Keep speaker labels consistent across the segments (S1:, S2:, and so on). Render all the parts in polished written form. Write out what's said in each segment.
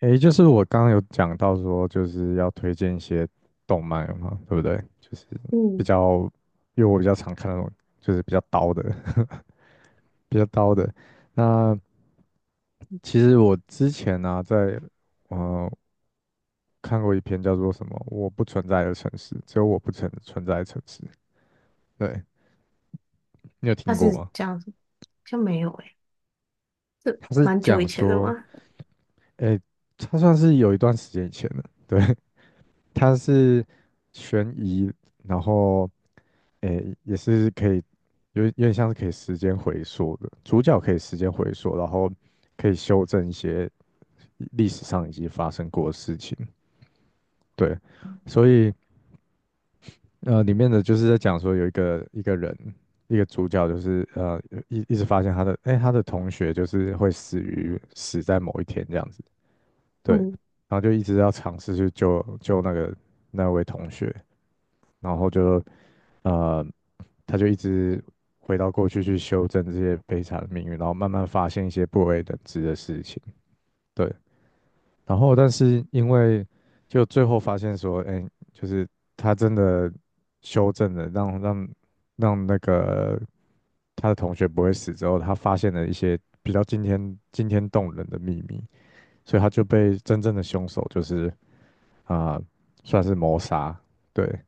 S1: 诶，就是我刚刚有讲到说，就是要推荐一些动漫嘛，对不对？就是比
S2: 嗯，
S1: 较，因为我比较常看那种，就是比较刀的，比较刀的。那其实我之前呢、在呃看过一篇叫做什么“我不存在的城市”，只有我不存在的城市。对，你有
S2: 他
S1: 听过
S2: 是
S1: 吗？
S2: 这样子，像没有诶、这
S1: 他是
S2: 蛮久
S1: 讲
S2: 以前的
S1: 说，
S2: 嘛。
S1: 诶，他算是有一段时间以前的，对，他是悬疑，然后。诶，也是可以，有点像是可以时间回溯的，主角可以时间回溯，然后可以修正一些历史上已经发生过的事情。对，所以里面的就是在讲说有一个人，一个主角就是一直发现他的，哎，他的同学就是会死于死在某一天这样子，对，
S2: 嗯，
S1: 然后就一直要尝试去救那个那位同学，然后就呃，他就一直回到过去去修正这些悲惨的命运，然后慢慢发现一些不为人知的事情。对，然后但是因为就最后发现说，哎，就是他真的修正了，让那个他的同学不会死之后，他发现了一些比较惊天动人的秘密，所以他就被真正的凶手就是啊、算是谋杀。对，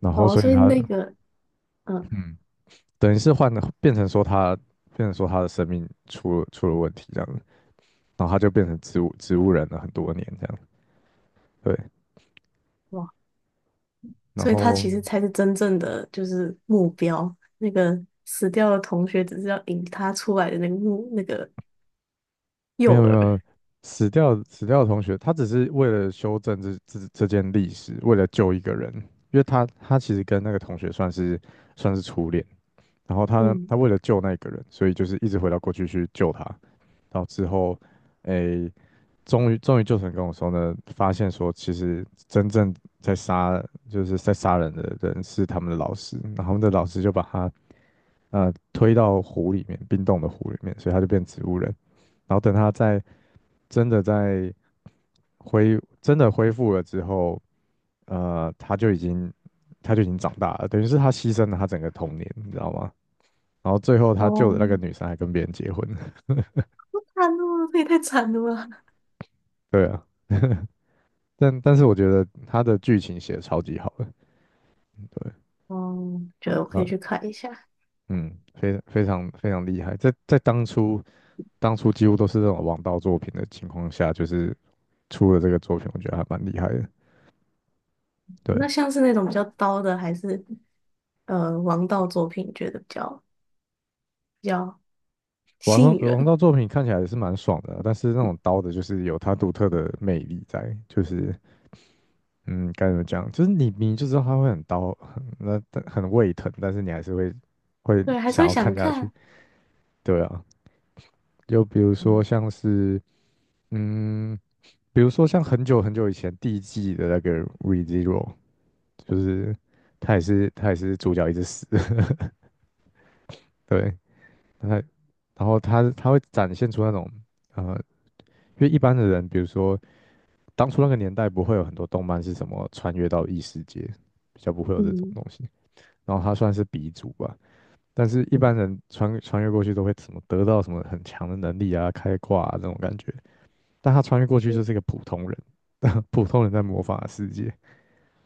S1: 然后
S2: 哦，
S1: 所以
S2: 所以
S1: 他
S2: 那个，嗯，
S1: 嗯。等于是换了，变成说他变成说他的生命出了问题这样子，然后他就变成植物人了很多年这样，对，
S2: 哇，
S1: 然
S2: 所以他
S1: 后
S2: 其实才是真正的就是目标，那个死掉的同学只是要引他出来的那个目那个
S1: 没
S2: 诱
S1: 有没
S2: 饵。
S1: 有死掉死掉的同学，他只是为了修正这件历史，为了救一个人，因为他他其实跟那个同学算是算是初恋，然后他
S2: 嗯，
S1: 他为了救那个人，所以就是一直回到过去去救他，到之后，诶，终于救成跟我说呢，发现说其实真正在杀就是在杀人的人是他们的老师，然后他们的老师就把他推到湖里面，冰冻的湖里面，所以他就变植物人。然后等他在真的在真的恢复了之后，他就已经他就已经长大了，等于是他牺牲了他整个童年，你知道吗？然后最后他救
S2: 哦，
S1: 的那个女生还跟别人结婚了。
S2: 好惨哦，这也太惨了吧。
S1: 对啊。但是我觉得他的剧情写的超级好的，对，
S2: 哦，觉得我可
S1: 那
S2: 以去看一下。
S1: 嗯，非常非常厉害，在在当初当初几乎都是这种王道作品的情况下，就是出了这个作品，我觉得还蛮厉害的。对，
S2: 那像是那种比较刀的，还是王道作品，觉得比较
S1: 王
S2: 吸引
S1: 道王
S2: 人。
S1: 道作品看起来也是蛮爽的啊但是那种刀的，就是有它独特的魅力在，就是嗯，该怎么讲，就是你你就知道它会很刀，很那但很胃疼，但是你还是会会
S2: 对，还是
S1: 想
S2: 会
S1: 要看
S2: 想
S1: 下去。
S2: 看。
S1: 对啊，就比如说
S2: 嗯
S1: 像是嗯。比如说像很久很久以前第一季的那个 ReZero，就是他也是他也是主角一直死，对，他然后他他会展现出那种呃，因为一般的人，比如说当初那个年代不会有很多动漫是什么穿越到异世界，比较不会有这种
S2: 嗯。
S1: 东西，然后他算是鼻祖吧。但是，一般人穿越过去都会什么得到什么很强的能力啊、开挂啊这种感觉，但他穿越过去就是一个普通人，普通人在魔法的世界，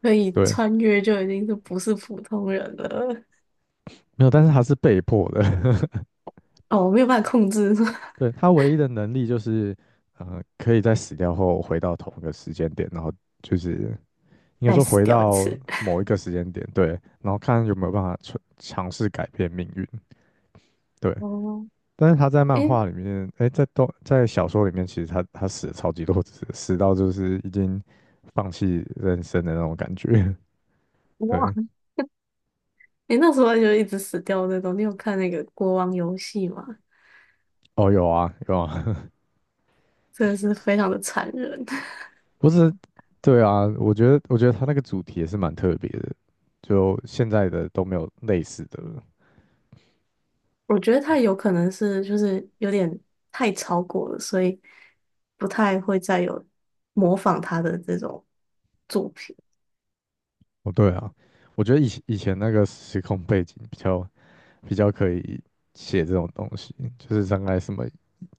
S2: 可以
S1: 对，
S2: 穿越就已经是不是普通人了。
S1: 没有，但是他是被迫的。
S2: 哦，我没有办法控制，
S1: 对，他唯一的能力就是，可以在死掉后回到同一个时间点，然后就是应 该
S2: 再
S1: 说
S2: 死
S1: 回
S2: 掉一
S1: 到
S2: 次。
S1: 某一个时间点，对，然后看有没有办法尝试改变命运，对。
S2: 哦，
S1: 但是他在漫
S2: 诶，
S1: 画里面，哎，在在小说里面，其实他他死了超级多次，死到就是已经放弃人生的那种感觉。
S2: 哇，
S1: 对，
S2: 诶，那时候就一直死掉那种。你有看那个国王游戏吗？
S1: 哦，有啊，有啊，
S2: 真的是非常的残忍。
S1: 不是，对啊，我觉得我觉得他那个主题也是蛮特别的，就现在的都没有类似的了。
S2: 我觉得他有可能是就是有点太超过了，所以不太会再有模仿他的这种作品。
S1: 哦，对啊，我觉得以前以前那个时空背景比较比较可以写这种东西，就是大概什么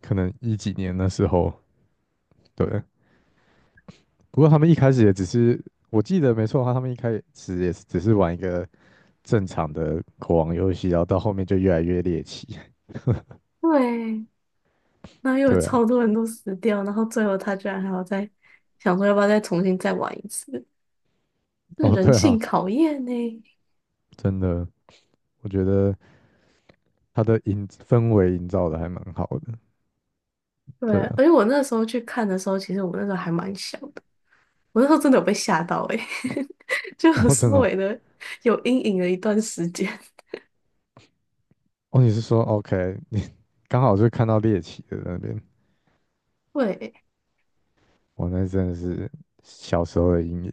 S1: 可能一几年的时候，对。不过他们一开始也只是，我记得没错的话，他们一开始也是只是玩一个正常的国王游戏，然后到后面就越来越猎奇。
S2: 对，那又有
S1: 对啊，
S2: 超多人都死掉，然后最后他居然还要再想说要不要再重新再玩一次。是
S1: 哦，
S2: 人
S1: 对
S2: 性
S1: 啊，
S2: 考验呢。
S1: 真的，我觉得。它的营氛围营造的还蛮好的，
S2: 对，
S1: 对啊，
S2: 而且我那时候去看的时候，其实我那时候还蛮小的，我那时候真的有被吓到诶、欸 就
S1: 然
S2: 有
S1: 后真
S2: 稍
S1: 的哦，
S2: 微的有阴影了一段时间。
S1: 哦你是说 OK，你刚好就看到猎奇的那边，
S2: 对，
S1: 我那真的是小时候的阴影。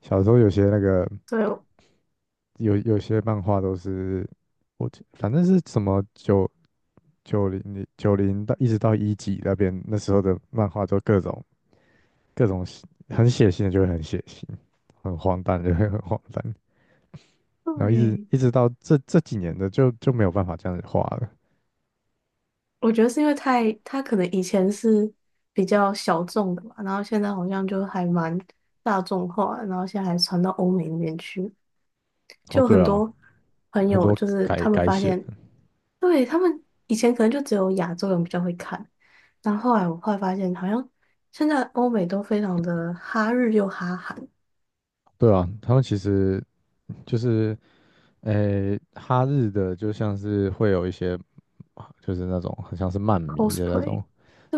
S1: 小时候有些那个
S2: 对，
S1: 有些漫画都是我记反正是什么九九零到一直到一几那边那时候的漫画都各种各种血很血腥的就会很血腥，很荒诞就会很荒诞，然后一直
S2: 对，
S1: 一直到这几年的就就没有办法这样子画了。
S2: 我觉得是因为太，他可能以前是比较小众的吧，然后现在好像就还蛮大众化的，然后现在还传到欧美那边去，
S1: 哦，
S2: 就很
S1: 对啊，
S2: 多朋
S1: 很
S2: 友
S1: 多
S2: 就是
S1: 改
S2: 他们
S1: 改
S2: 发
S1: 写，
S2: 现，对，他们以前可能就只有亚洲人比较会看，但后来我后来发现，好像现在欧美都非常的哈日又哈韩
S1: 对啊，他们其实就是诶、哈日的就像是会有一些就是那种很像是漫迷的那
S2: cosplay,
S1: 种，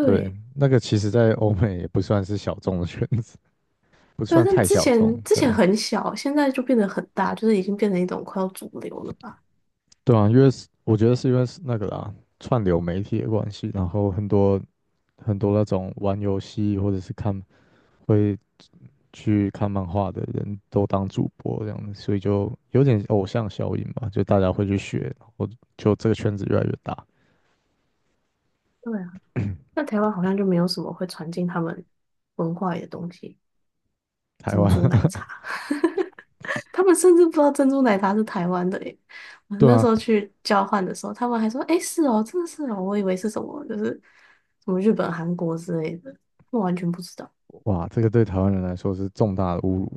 S1: 对，那个其实在欧美也不算是小众的圈子，不
S2: 对啊，
S1: 算
S2: 但
S1: 太
S2: 之
S1: 小众，
S2: 前之
S1: 对
S2: 前
S1: 啊
S2: 很小，现在就变得很大，就是已经变成一种快要主流了吧。
S1: 对啊，因为是我觉得是因为是那个啦，串流媒体的关系，然后很多很多那种玩游戏或者是看会去看漫画的人都当主播这样子，所以就有点偶像效应吧，就大家会去学，然后就这个圈子越来越大。
S2: 对啊，那台湾好像就没有什么会传进他们文化里的东西，
S1: 台湾，
S2: 他们甚至不知道珍珠奶茶是台湾的耶。我
S1: 对
S2: 那时
S1: 啊，
S2: 候去交换的时候，他们还说："诶，是哦，真的是哦，我以为是什么，就是什么日本、韩国之类的，我完全不知道。"
S1: 哇，这个对台湾人来说是重大的侮辱。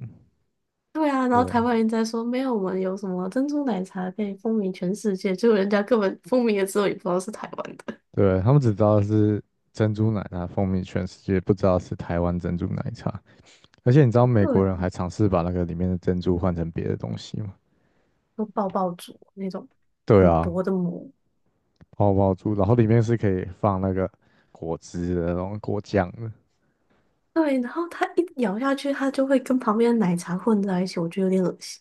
S2: 对啊，然后
S1: 对，
S2: 台湾人在说："没有，我们有什么珍珠奶茶可以风靡全世界。"结果人家根本风靡了之后也不知道是台湾的。
S1: 对，他们只知道是珍珠奶茶风靡全世界，不知道是台湾珍珠奶茶。而且你知道美国人还
S2: 对，
S1: 尝试把那个里面的珍珠换成别的东西吗？
S2: 有爆爆竹那种
S1: 对
S2: 很
S1: 啊，
S2: 薄的膜，
S1: 泡泡珠，然后里面是可以放那个果汁的，然后果酱的，
S2: 对，然后它一咬下去，它就会跟旁边的奶茶混在一起，我觉得有点恶心。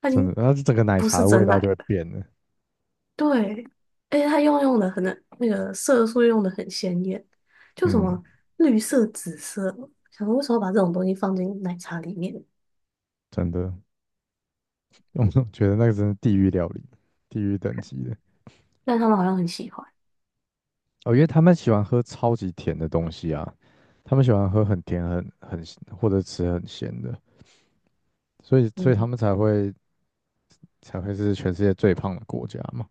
S2: 它已
S1: 真的，
S2: 经
S1: 然后整个奶
S2: 不
S1: 茶
S2: 是
S1: 的味
S2: 真
S1: 道
S2: 奶
S1: 就会
S2: 了。
S1: 变了。
S2: 对，而且它用的可能那个色素用的很鲜艳，就什
S1: 嗯，
S2: 么绿色、紫色，想说为什么把这种东西放进奶茶里面？
S1: 真的，我觉得那个真是地狱料理，地狱等级的。
S2: 但他们好像很喜欢。
S1: 哦，因为他们喜欢喝超级甜的东西啊，他们喜欢喝很甜、很很或者吃很咸的，所以所以他
S2: 嗯，
S1: 们才会才会是全世界最胖的国家嘛。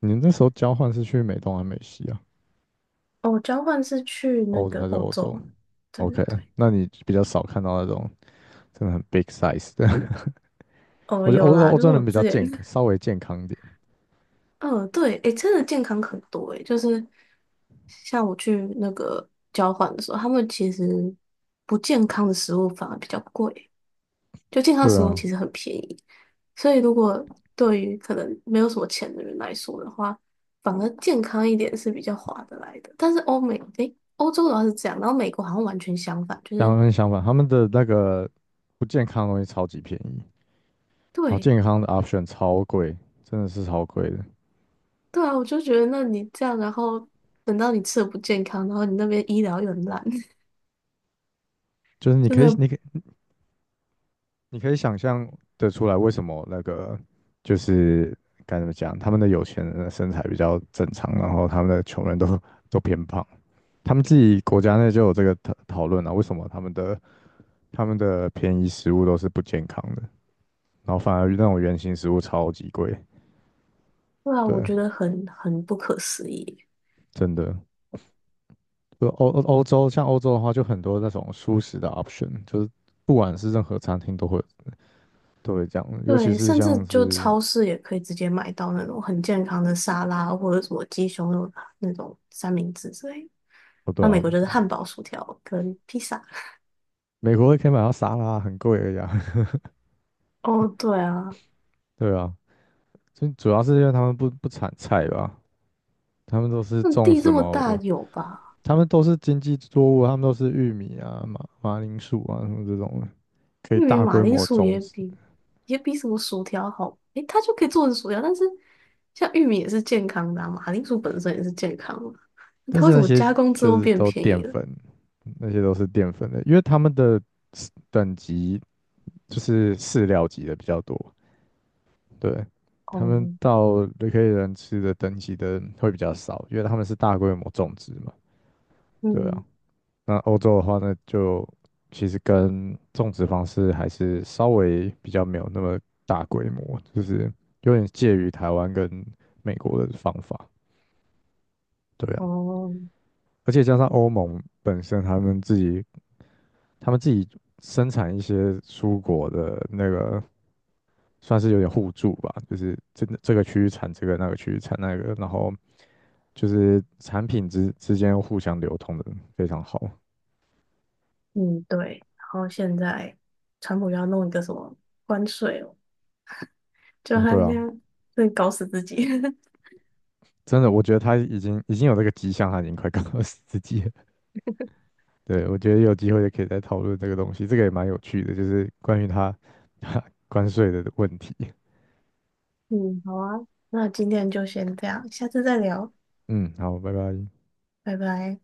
S1: 你那时候交换是去美东还是美西啊？
S2: 哦，交换是去那
S1: 欧
S2: 个
S1: 还是
S2: 欧
S1: 欧洲
S2: 洲，对，对，
S1: ？OK，
S2: 对，
S1: 那你比较少看到那种真的很 big size 的。
S2: 哦，
S1: 我觉得
S2: 有
S1: 欧洲
S2: 啦，
S1: 欧
S2: 就是
S1: 洲
S2: 我
S1: 人比较
S2: 之前
S1: 健康，稍微健康一点。
S2: 嗯，对，诶，真的健康很多，诶，就是像我去那个交换的时候，他们其实不健康的食物反而比较贵，就健康
S1: 对
S2: 食物
S1: 啊，
S2: 其实很便宜，所以如果对于可能没有什么钱的人来说的话，反而健康一点是比较划得来的。但是欧美，诶，欧洲的话是这样，然后美国好像完全相反，就
S1: 两
S2: 是
S1: 个人相反，他们的那个不健康的东西超级便宜。然后
S2: 对，
S1: 健康的 option 超贵，真的是超贵的。
S2: 对啊，我就觉得那你这样，然后等到你吃的不健康，然后你那边医疗又很烂。
S1: 就是你
S2: 真
S1: 可以，
S2: 的。
S1: 你可以你可以想象得出来，为什么那个就是该怎么讲，他们的有钱人的身材比较正常，然后他们的穷人都都偏胖。他们自己国家内就有这个讨论啊，为什么他们的他们的便宜食物都是不健康的，然后反而那种原形食物超级贵。
S2: 对啊，我
S1: 对，
S2: 觉得很不可思议。
S1: 真的，就欧欧欧洲像欧洲的话，就很多那种舒食的 option，就是不管是任何餐厅都会。对，这样，尤其
S2: 对，
S1: 是
S2: 甚至
S1: 像
S2: 就
S1: 是
S2: 超市也可以直接买到那种很健康的沙拉，或者什么鸡胸肉啊那种三明治之类的。
S1: 哦，对
S2: 那美
S1: 啊，
S2: 国就是汉堡、薯条跟披萨。
S1: 美国可以买到沙拉，很贵的呀，
S2: 哦，对啊，
S1: 对啊，就主要是因为他们不产菜吧，他们都是
S2: 那
S1: 种
S2: 地这
S1: 什
S2: 么大
S1: 么，
S2: 有吧？
S1: 他们都是经济作物，他们都是玉米啊、马铃薯啊什么这种可以
S2: 玉米、
S1: 大
S2: 马
S1: 规
S2: 铃
S1: 模
S2: 薯
S1: 种
S2: 也
S1: 植，
S2: 比也比什么薯条好，诶，它就可以做成薯条，但是像玉米也是健康的啊，马铃薯本身也是健康的啊，那
S1: 但
S2: 它
S1: 是
S2: 为什
S1: 那
S2: 么
S1: 些
S2: 加工之
S1: 就
S2: 后
S1: 是
S2: 变
S1: 都
S2: 便
S1: 淀
S2: 宜了？
S1: 粉，那些都是淀粉的，因为他们的 等级就是饲料级的比较多，对，他们
S2: 哦，
S1: 到雷克利人吃的等级的会比较少，因为他们是大规模种植嘛。对啊，
S2: 嗯，
S1: 那欧洲的话呢，就其实跟种植方式还是稍微比较没有那么大规模，就是有点介于台湾跟美国的方法。对啊，
S2: 哦。
S1: 而且加上欧盟本身他们自己，他们自己生产一些蔬果的那个算是有点互助吧，就是这个区域产这个，那个区域产那个，然后就是产品之间互相流通的非常好。
S2: 嗯，对。然后现在川普又要弄一个什么关税哦，就
S1: 哦，
S2: 他
S1: 对啊，
S2: 这样会搞死自己。
S1: 真的，我觉得他已经已经有这个迹象，他已经快告诉自己了。对，我觉得有机会也可以再讨论这个东西，这个也蛮有趣的，就是关于他 关税的问题。
S2: 嗯，好啊，那今天就先这样，下次再聊，
S1: 嗯，好，拜拜。
S2: 拜拜。